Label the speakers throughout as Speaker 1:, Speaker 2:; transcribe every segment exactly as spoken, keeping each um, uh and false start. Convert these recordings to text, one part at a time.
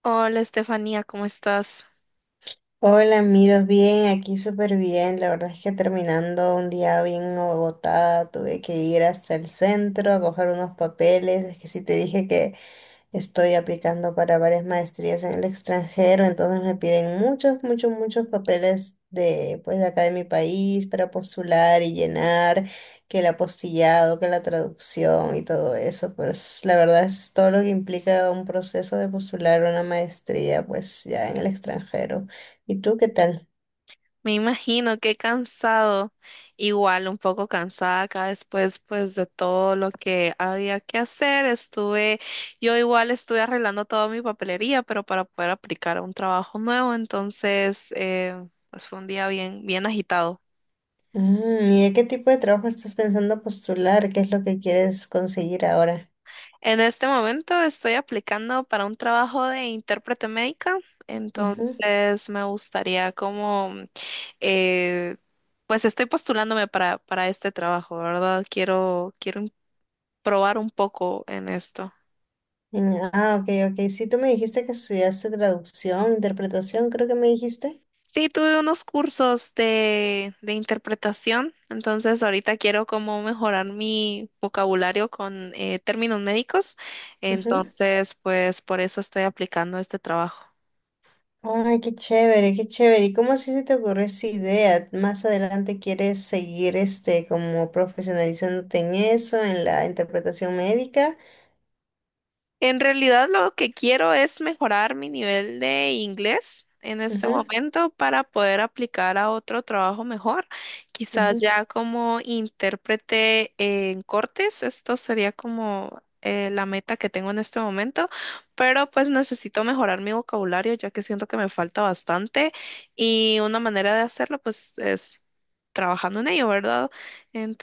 Speaker 1: Hola Estefanía, ¿cómo estás?
Speaker 2: Hola, miro bien, aquí súper bien. La verdad es que terminando un día bien agotada, tuve que ir hasta el centro a coger unos papeles. Es que sí te dije que estoy aplicando para varias maestrías en el extranjero, entonces me piden muchos, muchos, muchos papeles de, pues, de acá de mi país para postular y llenar, que el apostillado, que la traducción y todo eso. Pues la verdad es todo lo que implica un proceso de postular una maestría, pues ya en el extranjero. ¿Y tú qué tal?
Speaker 1: Me imagino que cansado, igual un poco cansada acá después pues de todo lo que había que hacer. Estuve, yo igual estuve arreglando toda mi papelería, pero para poder aplicar a un trabajo nuevo, entonces eh, pues fue un día bien, bien agitado.
Speaker 2: Mm, ¿Y de qué tipo de trabajo estás pensando postular? ¿Qué es lo que quieres conseguir ahora?
Speaker 1: En este momento estoy aplicando para un trabajo de intérprete médica, entonces me gustaría como eh, pues estoy postulándome para, para este trabajo, ¿verdad? Quiero, quiero probar un poco en esto.
Speaker 2: Mm, ah, ok, ok. Sí, tú me dijiste que estudiaste traducción, interpretación, creo que me dijiste.
Speaker 1: Sí, tuve unos cursos de, de interpretación, entonces ahorita quiero como mejorar mi vocabulario con eh, términos médicos,
Speaker 2: Ujú.
Speaker 1: entonces pues por eso estoy aplicando este trabajo.
Speaker 2: Ay, qué chévere, qué chévere. ¿Y cómo así se te ocurrió esa idea? ¿Más adelante quieres seguir este como profesionalizándote en eso, en la interpretación médica?
Speaker 1: En realidad lo que quiero es mejorar mi nivel de inglés en este
Speaker 2: Ujú,
Speaker 1: momento para poder aplicar a otro trabajo mejor. Quizás
Speaker 2: ujú,
Speaker 1: ya como intérprete en cortes, esto sería como eh, la meta que tengo en este momento, pero pues necesito mejorar mi vocabulario ya que siento que me falta bastante y una manera de hacerlo pues es trabajando en ello, ¿verdad?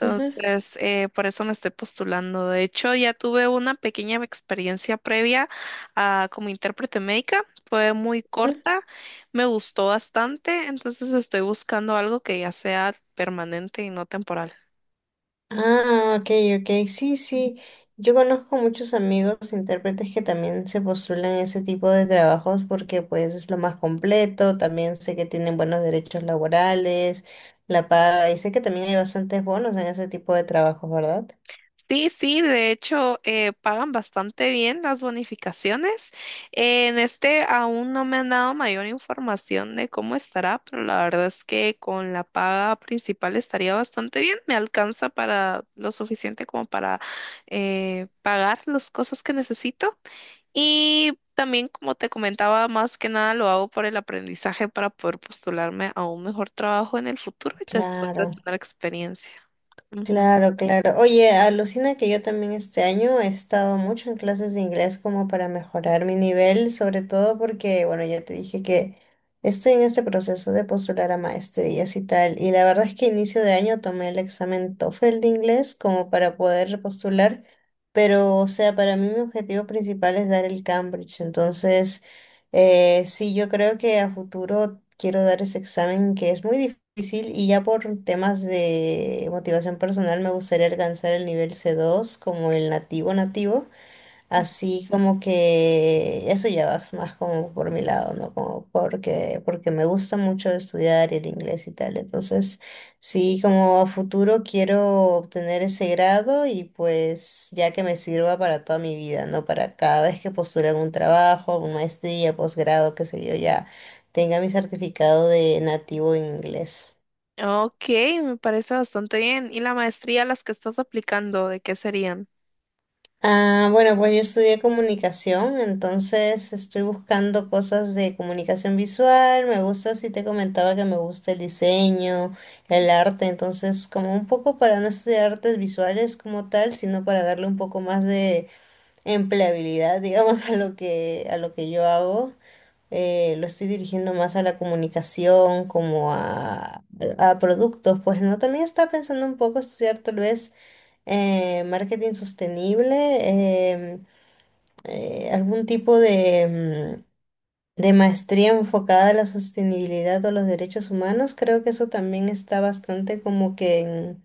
Speaker 2: ujú,
Speaker 1: eh, por eso me estoy postulando. De hecho, ya tuve una pequeña experiencia previa ah, como intérprete médica. Fue muy
Speaker 2: ujú.
Speaker 1: corta, me gustó bastante, entonces estoy buscando algo que ya sea permanente y no temporal.
Speaker 2: Ah, ok, ok. Sí, sí. Yo conozco muchos amigos intérpretes que también se postulan a ese tipo de trabajos porque pues es lo más completo, también sé que tienen buenos derechos laborales, la paga, y sé que también hay bastantes bonos en ese tipo de trabajos, ¿verdad?
Speaker 1: Sí, sí, de hecho eh, pagan bastante bien las bonificaciones. Eh, en este aún no me han dado mayor información de cómo estará, pero la verdad es que con la paga principal estaría bastante bien. Me alcanza para lo suficiente como para eh, pagar las cosas que necesito. Y también, como te comentaba, más que nada lo hago por el aprendizaje para poder postularme a un mejor trabajo en el futuro y después de
Speaker 2: Claro.
Speaker 1: tener experiencia.
Speaker 2: Claro, claro. Oye, alucina que yo también este año he estado mucho en clases de inglés como para mejorar mi nivel, sobre todo porque, bueno, ya te dije que estoy en este proceso de postular a maestrías y tal. Y la verdad es que inicio de año tomé el examen tófel de inglés como para poder repostular, pero, o sea, para mí mi objetivo principal es dar el Cambridge. Entonces... Eh, sí, yo creo que a futuro quiero dar ese examen que es muy difícil y ya por temas de motivación personal me gustaría alcanzar el nivel c dos como el nativo nativo.
Speaker 1: Ujú.
Speaker 2: Así como que eso ya va más como por mi lado, ¿no? Como porque, porque me gusta mucho estudiar el inglés y tal. Entonces, sí, como a futuro quiero obtener ese grado y pues ya que me sirva para toda mi vida, ¿no? Para cada vez que postule algún trabajo, una maestría, posgrado, qué sé yo, ya tenga mi certificado de nativo en inglés.
Speaker 1: Ok, me parece bastante bien. ¿Y la maestría a las que estás aplicando, de qué serían?
Speaker 2: Ah, bueno, pues yo estudié comunicación, entonces estoy buscando cosas de comunicación visual. Me gusta, si te comentaba que me gusta el diseño, el arte, entonces como un poco para no estudiar artes visuales como tal, sino para darle un poco más de empleabilidad, digamos, a lo que a lo que yo hago. Eh, lo estoy dirigiendo más a la comunicación, como a, a productos, pues no. También estaba pensando un poco estudiar tal vez eh, marketing sostenible, em, eh, algún tipo de, mm, de maestría enfocada a la sostenibilidad o a los derechos humanos. Creo que eso también está bastante como que en,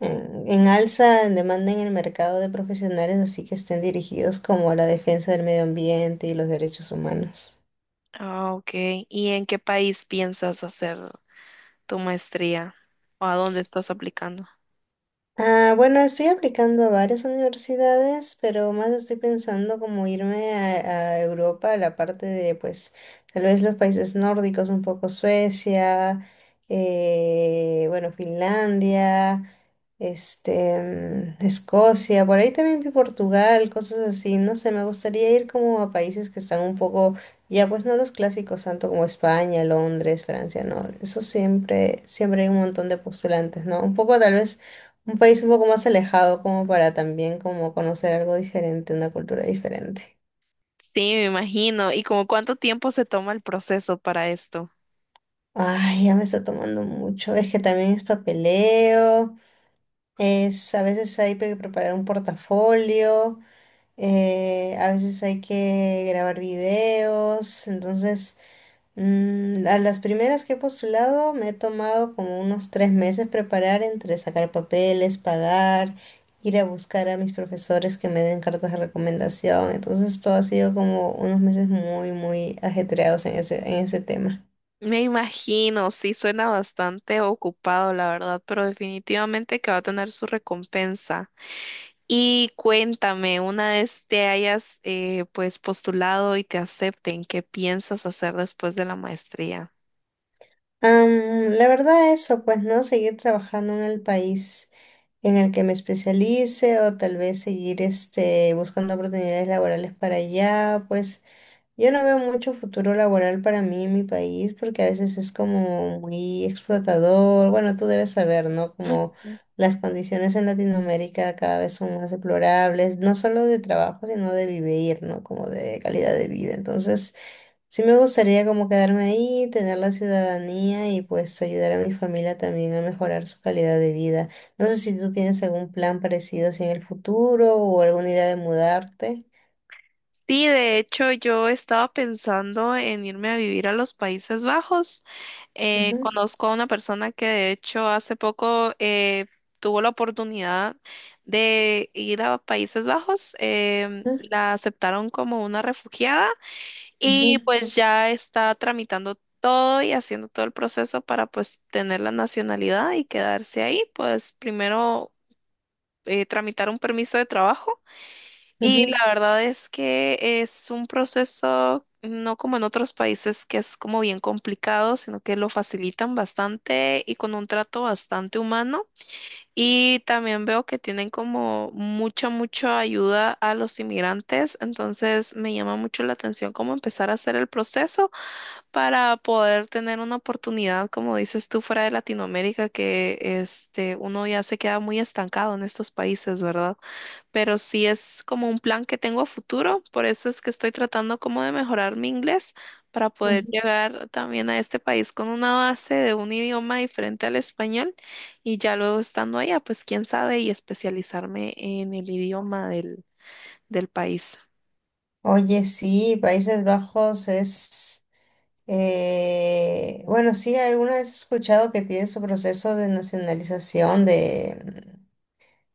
Speaker 2: en- en alza, en demanda en el mercado de profesionales, así que estén dirigidos como a la defensa del medio ambiente y los derechos humanos.
Speaker 1: Ah, ok. ¿Y en qué país piensas hacer tu maestría? ¿O a dónde estás aplicando?
Speaker 2: Ah, bueno, estoy aplicando a varias universidades, pero más estoy pensando como irme a, a Europa, a la parte de, pues, tal vez los países nórdicos, un poco Suecia, eh, bueno, Finlandia, este, mm, Escocia, por ahí también vi Portugal, cosas así, no sé, me gustaría ir como a países que están un poco, ya pues no los clásicos tanto como España, Londres, Francia, no, eso siempre, siempre hay un montón de postulantes, ¿no? Un poco tal vez un país un poco más alejado como para también como conocer algo diferente, una cultura diferente.
Speaker 1: Sí, me imagino. ¿Y como cuánto tiempo se toma el proceso para esto?
Speaker 2: Ay, ya me está tomando mucho. Es que también es papeleo, es a veces hay que preparar un portafolio, eh, a veces hay que grabar videos, entonces Mm, a las primeras que he postulado me he tomado como unos tres meses preparar entre sacar papeles, pagar, ir a buscar a mis profesores que me den cartas de recomendación. Entonces todo ha sido como unos meses muy, muy ajetreados en ese, en ese tema.
Speaker 1: Me imagino, sí, suena bastante ocupado, la verdad, pero definitivamente que va a tener su recompensa. Y cuéntame, una vez te hayas eh, pues postulado y te acepten, ¿qué piensas hacer después de la maestría?
Speaker 2: Am, la verdad eso, pues no, seguir trabajando en el país en el que me especialice o tal vez seguir este, buscando oportunidades laborales para allá, pues. Yo no veo mucho futuro laboral para mí en mi país porque a veces es como muy explotador. Bueno, tú debes saber, ¿no? Como
Speaker 1: Ujú.
Speaker 2: las condiciones en Latinoamérica cada vez son más deplorables, no solo de trabajo, sino de vivir, ¿no? Como de calidad de vida. Entonces, sí me gustaría como quedarme ahí, tener la ciudadanía y pues ayudar a mi familia también a mejorar su calidad de vida. No sé si tú tienes algún plan parecido así en el futuro o alguna idea de mudarte.
Speaker 1: Sí, de hecho yo estaba pensando en irme a vivir a los Países Bajos. Eh,
Speaker 2: Ujú,
Speaker 1: conozco a una persona que de hecho hace poco eh, tuvo la oportunidad de ir a Países Bajos. Em,
Speaker 2: ujú,
Speaker 1: la aceptaron como una refugiada. Y
Speaker 2: ujú,
Speaker 1: pues ya está tramitando todo y haciendo todo el proceso para pues tener la nacionalidad y quedarse ahí. Pues primero eh, tramitar un permiso de trabajo, y la
Speaker 2: ujú,
Speaker 1: verdad es que es un proceso no como en otros países que es como bien complicado, sino que lo facilitan bastante y con un trato bastante humano. Y también veo que tienen como mucha, mucha ayuda a los inmigrantes, entonces me llama mucho la atención cómo empezar a hacer el proceso para poder tener una oportunidad, como dices tú, fuera de Latinoamérica, que este, uno ya se queda muy estancado en estos países, ¿verdad? Pero sí es como un plan que tengo a futuro, por eso es que estoy tratando como de mejorar mi inglés para poder
Speaker 2: ujú.
Speaker 1: llegar también a este país con una base de un idioma diferente al español, y ya luego estando allá, pues quién sabe y especializarme en el idioma del, del país.
Speaker 2: Oye, sí, Países Bajos es, eh, bueno, sí, alguna vez he escuchado que tiene su proceso de nacionalización de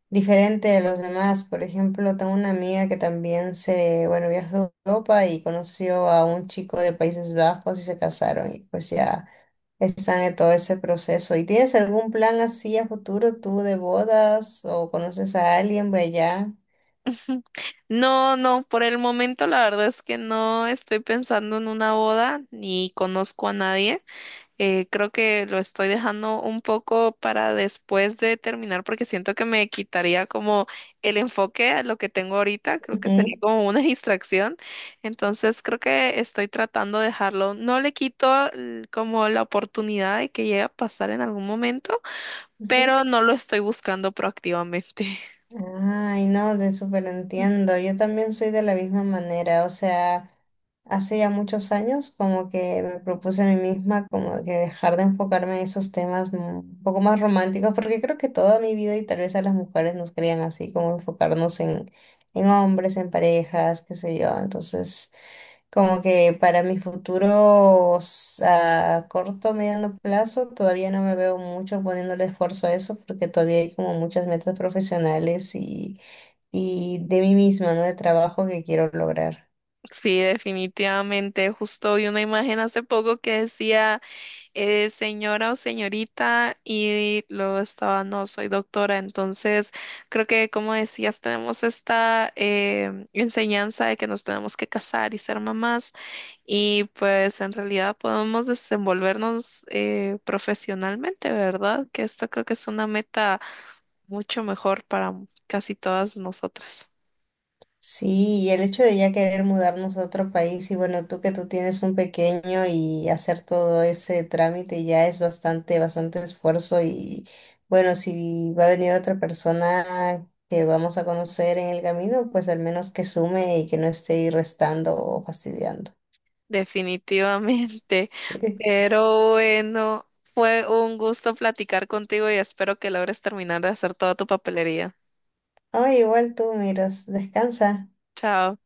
Speaker 2: diferente de los demás. Por ejemplo, tengo una amiga que también se, bueno, viajó a Europa y conoció a un chico de Países Bajos y se casaron y pues ya están en todo ese proceso. ¿Y tienes algún plan así a futuro tú de bodas o conoces a alguien de allá?
Speaker 1: No, no, por el momento la verdad es que no estoy pensando en una boda ni conozco a nadie. Eh, creo que lo estoy dejando un poco para después de terminar porque siento que me quitaría como el enfoque a lo que tengo ahorita. Creo que sería
Speaker 2: Ujú,
Speaker 1: como una distracción. Entonces creo que estoy tratando de dejarlo. No le quito l- como la oportunidad de que llegue a pasar en algún momento,
Speaker 2: ujú.
Speaker 1: pero no lo estoy buscando proactivamente.
Speaker 2: Ay, no, te súper entiendo. Yo también soy de la misma manera. O sea, hace ya muchos años como que me propuse a mí misma como que dejar de enfocarme en esos temas mu- un poco más románticos, porque creo que toda mi vida y tal vez a las mujeres nos creían así, como enfocarnos en, en hombres, en parejas, qué sé yo. Entonces... Como que para mis futuros a corto, mediano plazo, todavía no me veo mucho poniéndole esfuerzo a eso porque todavía hay como muchas metas profesionales y, y de mí misma, ¿no? De trabajo que quiero lograr.
Speaker 1: Sí, definitivamente. Justo vi una imagen hace poco que decía eh, señora o señorita y luego estaba no, soy doctora. Entonces, creo que como decías, tenemos esta em, enseñanza de que nos tenemos que casar y ser mamás, y pues en realidad podemos desenvolvernos eh, profesionalmente, ¿verdad? Que esto creo que es una meta mucho mejor para casi todas nosotras.
Speaker 2: Sí, y el hecho de ya querer mudarnos a otro país y bueno, tú que tú tienes un pequeño y hacer todo ese trámite ya es bastante, bastante esfuerzo y bueno, si va a venir otra persona que vamos a conocer en el camino, pues al menos que sume y que no esté ahí restando o fastidiando.
Speaker 1: Definitivamente. Pero bueno, fue un gusto platicar contigo y espero que logres terminar de hacer toda tu papelería.
Speaker 2: Ay, igual tú miras, descansa.
Speaker 1: Chao.